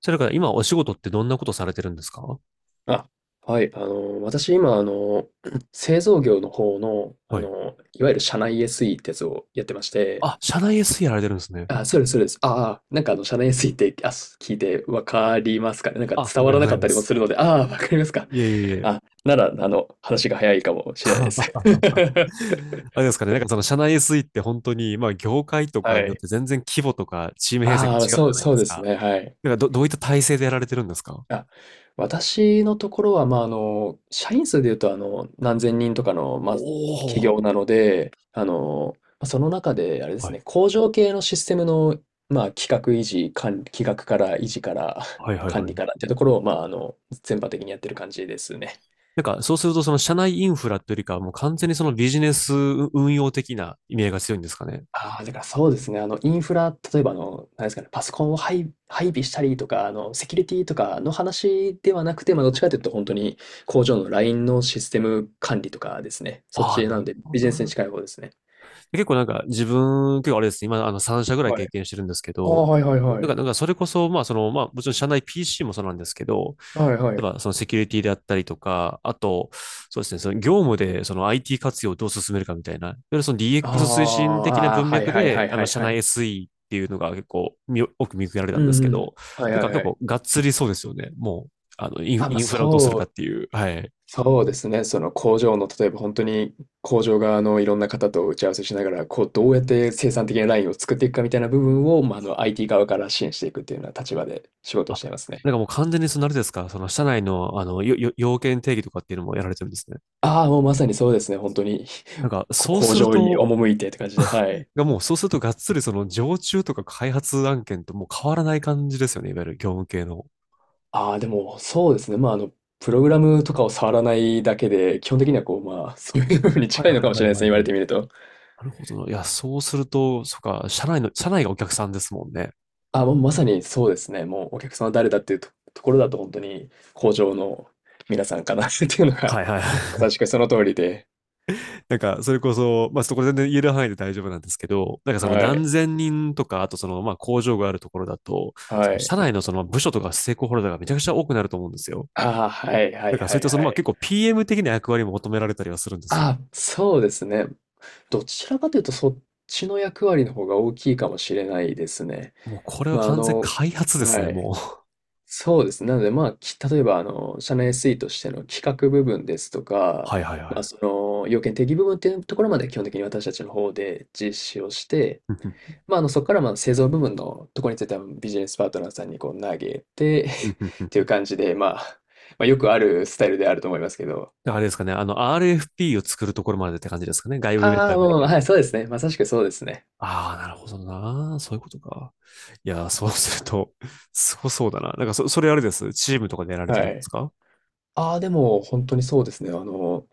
それから今お仕事ってどんなことされてるんですか？あ、私今、製造業の方の、はい。いわゆる社内 SE ってやつをやってまして、あ、社内 SE やられてるんですね。あ、そうです、そうです。社内 SE って、聞いてわかりますかね。なんかあ、伝わわかりらなまかいったまりもす。するので、ああ、わかりますか。いえいえいえ。あ、なら、話が早いかもしれないです。あれですかね。なんかその社内 SE って本当に、まあ業界とかはによっい。て全然規模とかチーム編成がああ、違うそじゃうないそでうすですか。ね。はい。なんか、どういった体制でやられてるんですか？あ、私のところは、社員数で言うと、何千人とかのまあ、お企おー。業なので、その中で、あれですはい。ね、工場系のシステムの、まあ、企画維持、管理、企画から維持から はい はい管は理い。からっていうところを、全般的にやってる感じですね。なんかそうするとその社内インフラというよりかはもう完全にそのビジネス運用的な意味合いが強いんですかね。ああ、だからそうですね。あの、インフラ、例えばあの、なんですかね、パソコンを配備したりとか、あの、セキュリティとかの話ではなくて、まあ、どっちかというと本当に工場のラインのシステム管理とかですね。そっああ、ちななのるで、ほビどジネスにな。近い方ですね。結構なんか自分、結構あれですね、今あの3社ぐらいはい。経験してるんですけああ、ど、はいはいだはかい。らなんかそれこそ、まあその、まあもちろん社内 PC もそうなんですけど、はいは例い。えばそのセキュリティであったりとか、あと、そうですね、その業務でその IT 活用をどう進めるかみたいな、いわゆるその あ DX 推進あ、的なああ、文はい脈はいはで、いあはのい社は内 い。SE っていうのが結構み奥見受けられたうんでんすけうん。ど、はいなんかはいは結い。構がっつりそうですよね。もう、あのインあ、まイあ、ンフラをどうするそかっうていう。はい。そうですね。その工場の、例えば本当に工場側のいろんな方と打ち合わせしながら、こう、どうやって生産的なラインを作っていくかみたいな部分を、まあ、あの、IT 側から支援していくっていうような立場で仕事をあ、していますね。なんかもう完全にそのあれですか、その社内の、あの、要件定義とかっていうのもやられてるんですね。ああ、もうまさにそうですね。本当に なん か、こうそう工する場にと、赴いてって感じで、はい。がもうそうするとがっつりその常駐とか開発案件ともう変わらない感じですよね、いわゆる業務系の。ああ、でも、そうですね。まあ、あの、プログラムとかを触らないだけで、基本的にはこう、まあ、そういう部分にはい近はいいのかもしはれいないではすね。い言わはれい。てみると。なるほどな。いや、そうすると、そっか、社内の、社内がお客さんですもんね。あ、もうまさにそうですね。もうお客様誰だっていうと、ところだと本当に工場の皆さんかな っていうのが、はいはいはまい。さしくその通りで。なんか、それこそ、まあ、そこれ全然言える範囲で大丈夫なんですけど、なんかそのは何い。千人とか、あとその、まあ、工場があるところだと、そはのい。社内のその部署とかステークホルダーがめちゃくちゃ多くなると思うんですよ。ああ、はいはだいからそはういっいたそはのまあ結い。構 PM 的な役割も求められたりはするんです。あ、そうですね。どちらかというと、そっちの役割の方が大きいかもしれないですね。もうこれはまあ、あ完全の、開発ですね、はい。もう。そうですね。なので、まあ、例えば、あの、社内 SE としての企画部分ですとか、はいはいはまあ、い。その要件定義部分っていうところまで基本的に私たちの方で実施をして、まあ、あの、そこからまあ製造部分のところについてはビジネスパートナーさんにこう投げて っうんうんうていうん。感じで、まあ、まあ、よくあるスタイルであると思いますけど。あれですかね、あの RFP を作るところまでって感じですかね、外部ベンあダあ、ーまがあでまあきまるあ、よはうい、に。そうですね。まさしくそうですね。ああ、なるほどな。そういうことか。いやー、そうすると、すごそうだな。なんか、それあれです。チームとかでやられてはるんですい。か？ああ、でも本当にそうですね。あの、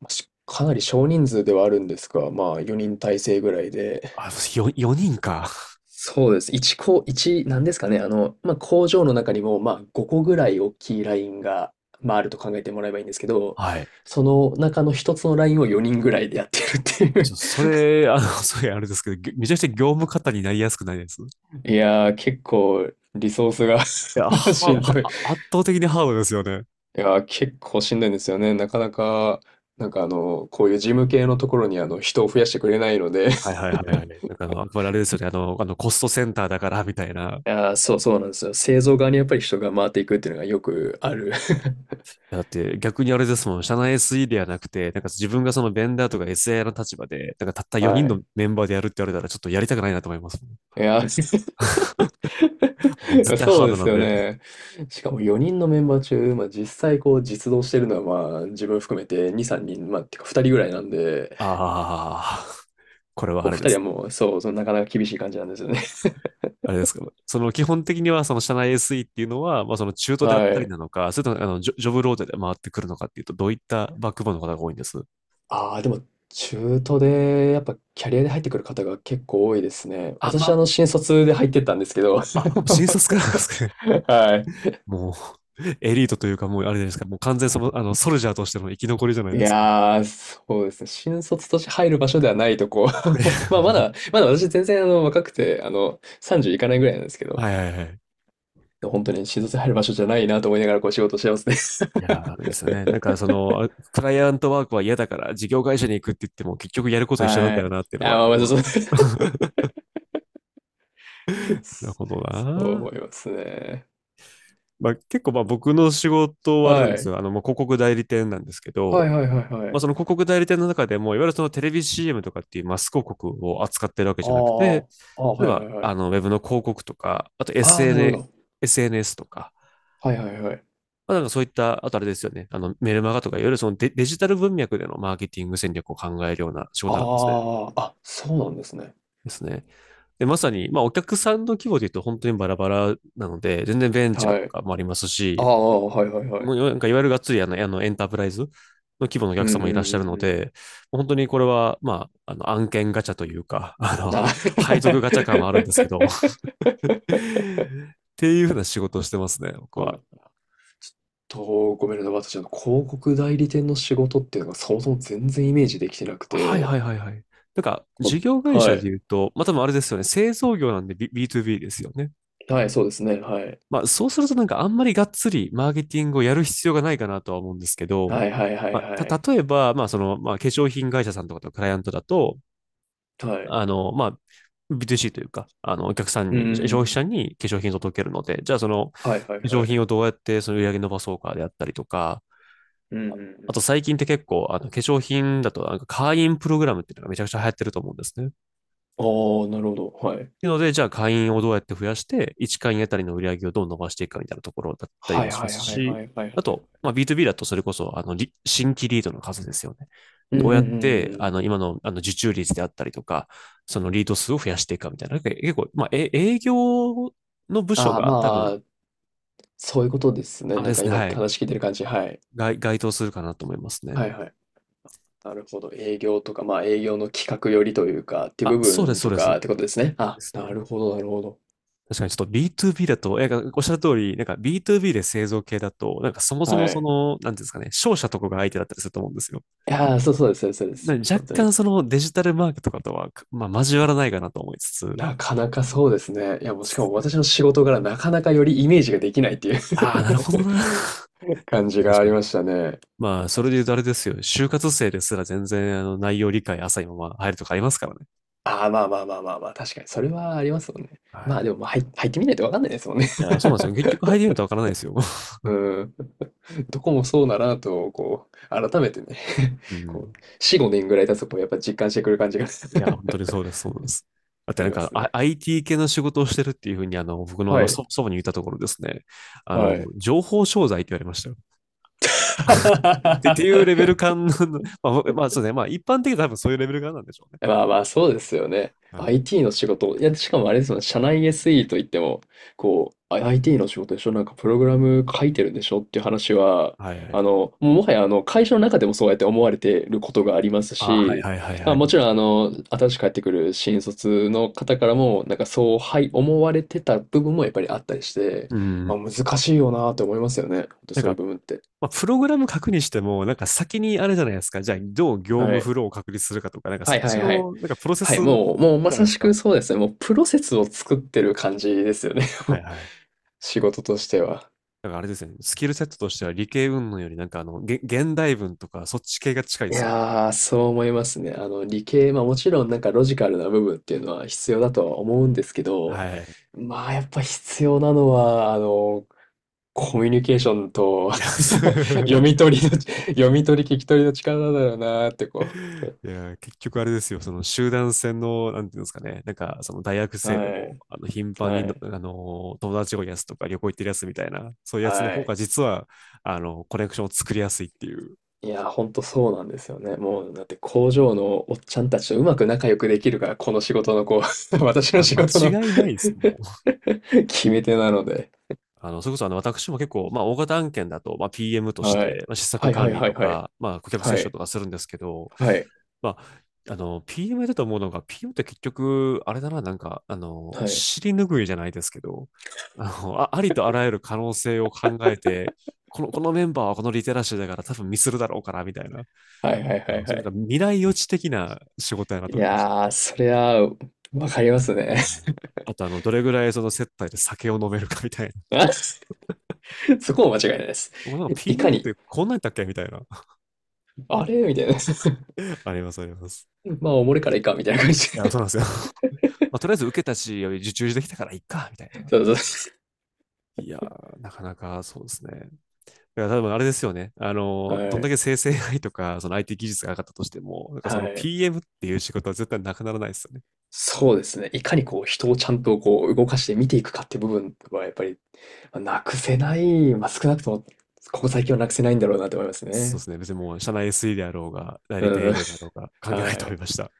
まあしかなり少人数ではあるんですが、まあ4人体制ぐらいで、あ、4、四人か。そうです。1こ、一なんですかね。あの、まあ、工場の中にも、まあ、5個ぐらい大きいラインがまあ、あると考えてもらえばいいんですけど、はい。その中の一つのラインを4人ぐらいでやってるっていちょっう。とそれ、あの、それあれですけど、めちゃくちゃ業務方になりやすくないですい いやー、結構、リソースや、が しは、んは、どい。圧倒的にハードですよね。いやー、結構しんどいんですよね。なかなか、なんかあの、こういう事務系のところにあの、人を増やしてくれないので はい はいはいはい。なんかあの、やっぱりあれですよね。あの、コストセンターだから、みたいな。いやー、そうそうなんですよ。製造側にやっぱり人が回っていくっていうのがよくある。だって逆にあれですもん。社内 SE ではなくて、なんか自分がそのベンダーとか SI の立場で、なんかたった 4は人のい。メンバーでやるって言われたら、ちょっとやりたくないなと思いますもん。いやー、もう絶 対そハーうでドなすんよで。ね。しかも4人のメンバー中、まあ、実際こう実動してるのはまあ自分含めて2、3人、てか2人ぐらいなんで、ああ、これはあこうれ2で人はす。もうそう、そうなかなか厳しい感じなんですよね。あれですか。その基本的にはその社内 SE っていうのは、まあその中 途であっはたりい。なのか、それともあのジョブローテで回ってくるのかっていうと、どういったバックボーンの方が多いんです？ああ、でも中途でやっぱキャリアで入ってくる方が結構多いですね。あ、私、まあの新卒で入ってったんですけど。あ、あ、新 卒からなんですかね？はい。もう、エリートというか、もうあれじゃないですか、もう完全その、あの、ソルジャーとしての生き残りじゃないいですか。やー、そうですね。新卒として入る場所ではないとこ。まあま だ、まだ私全然あの若くて、あの30いかないぐらいなんですけど。はいはいはい。本当に診察入る場所じゃないなと思いながらこう仕事してますね。いやー、あれですよね。なんか、そ の、クライアントワークは嫌だから、事業会社に行くって言っても、結局やること一緒なんはだよい。なっていうのあ、は、まああまあ、の、そう、なるほそどう思な。いますね。まあ、結構、まあ、僕の仕事はあれなはんですい。よ。あの、まあ、広告代理店なんですけはいど、はいはいはまあ、い。その広告代理店の中でも、いわゆるそのテレビ CM とかっていうマス広告を扱ってるわけあじゃなくて、ーあー、例えはいはいば、はあい。の、ウェブの広告とか、あと ああ、なるほ SN、ど。SNS とか、はいはいはい。まあ、なんかそういった、あとあれですよね、あの、メルマガとか、いわゆるそのデジタル文脈でのマーケティング戦略を考えるような仕あ事なんですね。あ、あ、そうなんですね。ですね。で、まさに、まあ、お客さんの規模で言うと本当にバラバラなので、全然ベンチャーはとい。かもありますあし、あ、はいはいはい。もうなんかいわゆるがっつりあの、あのエンタープライズの規模のおう客んう様んもういらっしゃるんのうん。で、本当にこれは、まあ、あの案件ガチャというか、あの、あ、配属ガチャ 感はあるんですけど、っていうふうな仕事をしてますね、僕はは。い。と、ごめんなさい。私、あの、広告代理店の仕事っていうのがそもそも全然イメージできてなくはいはて。いはいはい。なんか、事こ業会は社でい。言うと、まあ、多分あれですよね、製造業なんで B2B ですよね。はい、そうですね。はい。まあ、そうするとなんかあんまりがっつりマーケティングをやる必要がないかなとは思うんですけど、はいはいはいまはあ、い。た、例えば、まあ、その、まあ、化粧品会社さんとかとクライアントだと、はい。あの、まあ、B2C というか、あの、お客さんうんうに、んう消費者ん。に化粧品を届けるので、じゃあその、化はいはいは粧い。品をどうやってその売り上げ伸ばそうかであったりとか、うんうんうあとん。最近って結構、あの、化粧品だと、なんか会員プログラムっていうのがめちゃくちゃ流行ってると思うんですね。ああ、なるほど。はい。いうので、じゃあ会員をどうやって増やして、1会員あたりの売り上げをどう伸ばしていくかみたいなところだったりはもいしはまいすはいし、はいはあいはい。と、まあ、B2B だとそれこそ、あの、新規リードの数ですよね。うんうんどううやっんうて、あん。の、今の、あの、受注率であったりとか、そのリード数を増やしていくかみたいな。結構、まあ、え営業の部署ああ、が多ま分、あ、そういうことですね。あれなんでかすね、今はい、話聞いてる感じ。はい。該当するかなと思いますね。はいはい。なるほど。営業とか、まあ営業の企画寄りというか、っていうあ、部そうです、分そうとです。かってことですね。であ、すなね。るほどなるほど。確かにちょっと B2B だと、え、かおっしゃる通り、なんか B2B で製造系だと、なんかそもそもはそい。の、なんていうんですかね、商社とかが相手だったりすると思うんですよ。いやー、そうそうです、そうです、そうでなす。んで若本当に。干そのデジタルマーケとかとは、まあ交わらないかなと思いつつ、なかなかそうですね。いや、もうしかも私の仕事柄なかなかよりイメージができないっていう ああ、なるほどな。確 感かじにが確あかりに。ましたね。まあ、そあ、れそうでっ言うとすあれですよ。就活生ですら全然あの内容理解浅いまま入るとかありますからね。あー、まあ、確かに、それはありますもんね。はまあい。でも、入ってみないとわかんないですもんね。いや、そうなんですよ。結局入りるとわからないですよ。うん。どこもそうだなと、こう、改めてね う ん。こう、4、5年ぐらい経つと、こう、やっぱ実感してくる感じが いや、本当にそうです、そうです。だってあなんりまか、すね。I、t 系の仕事をしてるっていうふうに、あの、僕のあはの、い。そ祖母に言ったところですね、あはの、い。情報商材って言われましたよ。ってっていうレベル 感の、まあ、まあ、そうですね、まあ、一般的に多分そういうレベル感なんでしょうね。まあまあ、そうですよね。はい。IT の仕事。いや、しかもあれですもん、社内 SE といっても、こう、 IT の仕事でしょ、なんかプログラム書いてるんでしょっていう話は、はいはい。あの、もうもはやあの、会社の中でもそうやって思われてることがありますあ、はいし、はいはいまはあ、い。もちろんあの、新しく帰ってくる新卒の方からも、なんかそう、はい、思われてた部分もやっぱりあったりして、うまん。あ難しいよなと思いますよね。本当なんそういか、う部分って。まあ、プログラム書くにしても、なんか先にあれじゃないですか、じゃあ、どう業は務い。フローを確立するかとか、なんかはそいっはちいはい。の、なんかプロセはスい、もう、もうじゃまないさですしか。くそうですね。もうプロセスを作ってる感じですよね。もはいうはい。仕事としては。だからあれですね、スキルセットとしては理系云々よりなんかあの、げ現代文とかそっち系が近いでいすよ。やー、そう思いますね。あの、理系、まあもちろんなんかロジカルな部分っていうのは必要だとは思うんですけど、はい。まあやっぱ必要なのは、あの、コミュニケーションと いや、読み取りの、読み取り聞き取りの力だよなーってこう。いや、結局あれですよ、その集団戦の、なんていうんですかね、なんかその大学 生ではも、い、あの、頻繁にはの、い、あの、友達多やつとか旅行行ってるやつみたいな、そういうやつのは方がい。実は、あの、コネクションを作りやすいっていう。いや、ほんとそうなんですよね。もう、だって工場のおっちゃんたちとうまく仲良くできるから、この仕事のこう、いや、も私のう仕ま事の 間違いないですよ、もう。決め手なので。あの、それこそあの、私も結構、まあ、大型案件だと、まあ、PM としはい。て、まあ、施は策いは管い理はといはい。か、まあ、顧客接は触い。とかするんですけど、はい。まあ、あの、PM だと思うのが、PM って結局、あれだな、なんか、あの、はい。尻拭いじゃないですけど、あの、ありとあらゆる可能性を考えて、このメンバーはこのリテラシーだから多分ミスるだろうから、みたいな。はいはいあはいの、はそれなんい。か未来予知的な仕事やなとい思いましやた。ー、そりゃ、わかりますね。はい。あと、あの、どれぐらいその接待で酒を飲めるかみたい あ、そこも間違いないです。な。なんか いか PM っに、てこんなんだったっけみたいな。あれみたいな。あります、あります。まあ、おもれからいいか、みたいな感じいや、で。そうなんですよ。まあ、とりあえず受けたし、受注できたからいっか、みたい な。そうそいやー、なかなかそうですね。だから多分あれですよね。あう。の、どんはだい。け生成 AI とか、その IT 技術が上がったとしても、なんかそはの い。PM っていう仕事は絶対なくならないですよね。そうですね。いかにこう人をちゃんとこう動かして見ていくかって部分はやっぱり、ま、なくせない、まあ、少なくともここ最近はなくせないんだろうなと思いますそうでね。すね。別にもう社内 SE であろうが、代理店う営ん、業であろうが、関係ないはと思い。いました。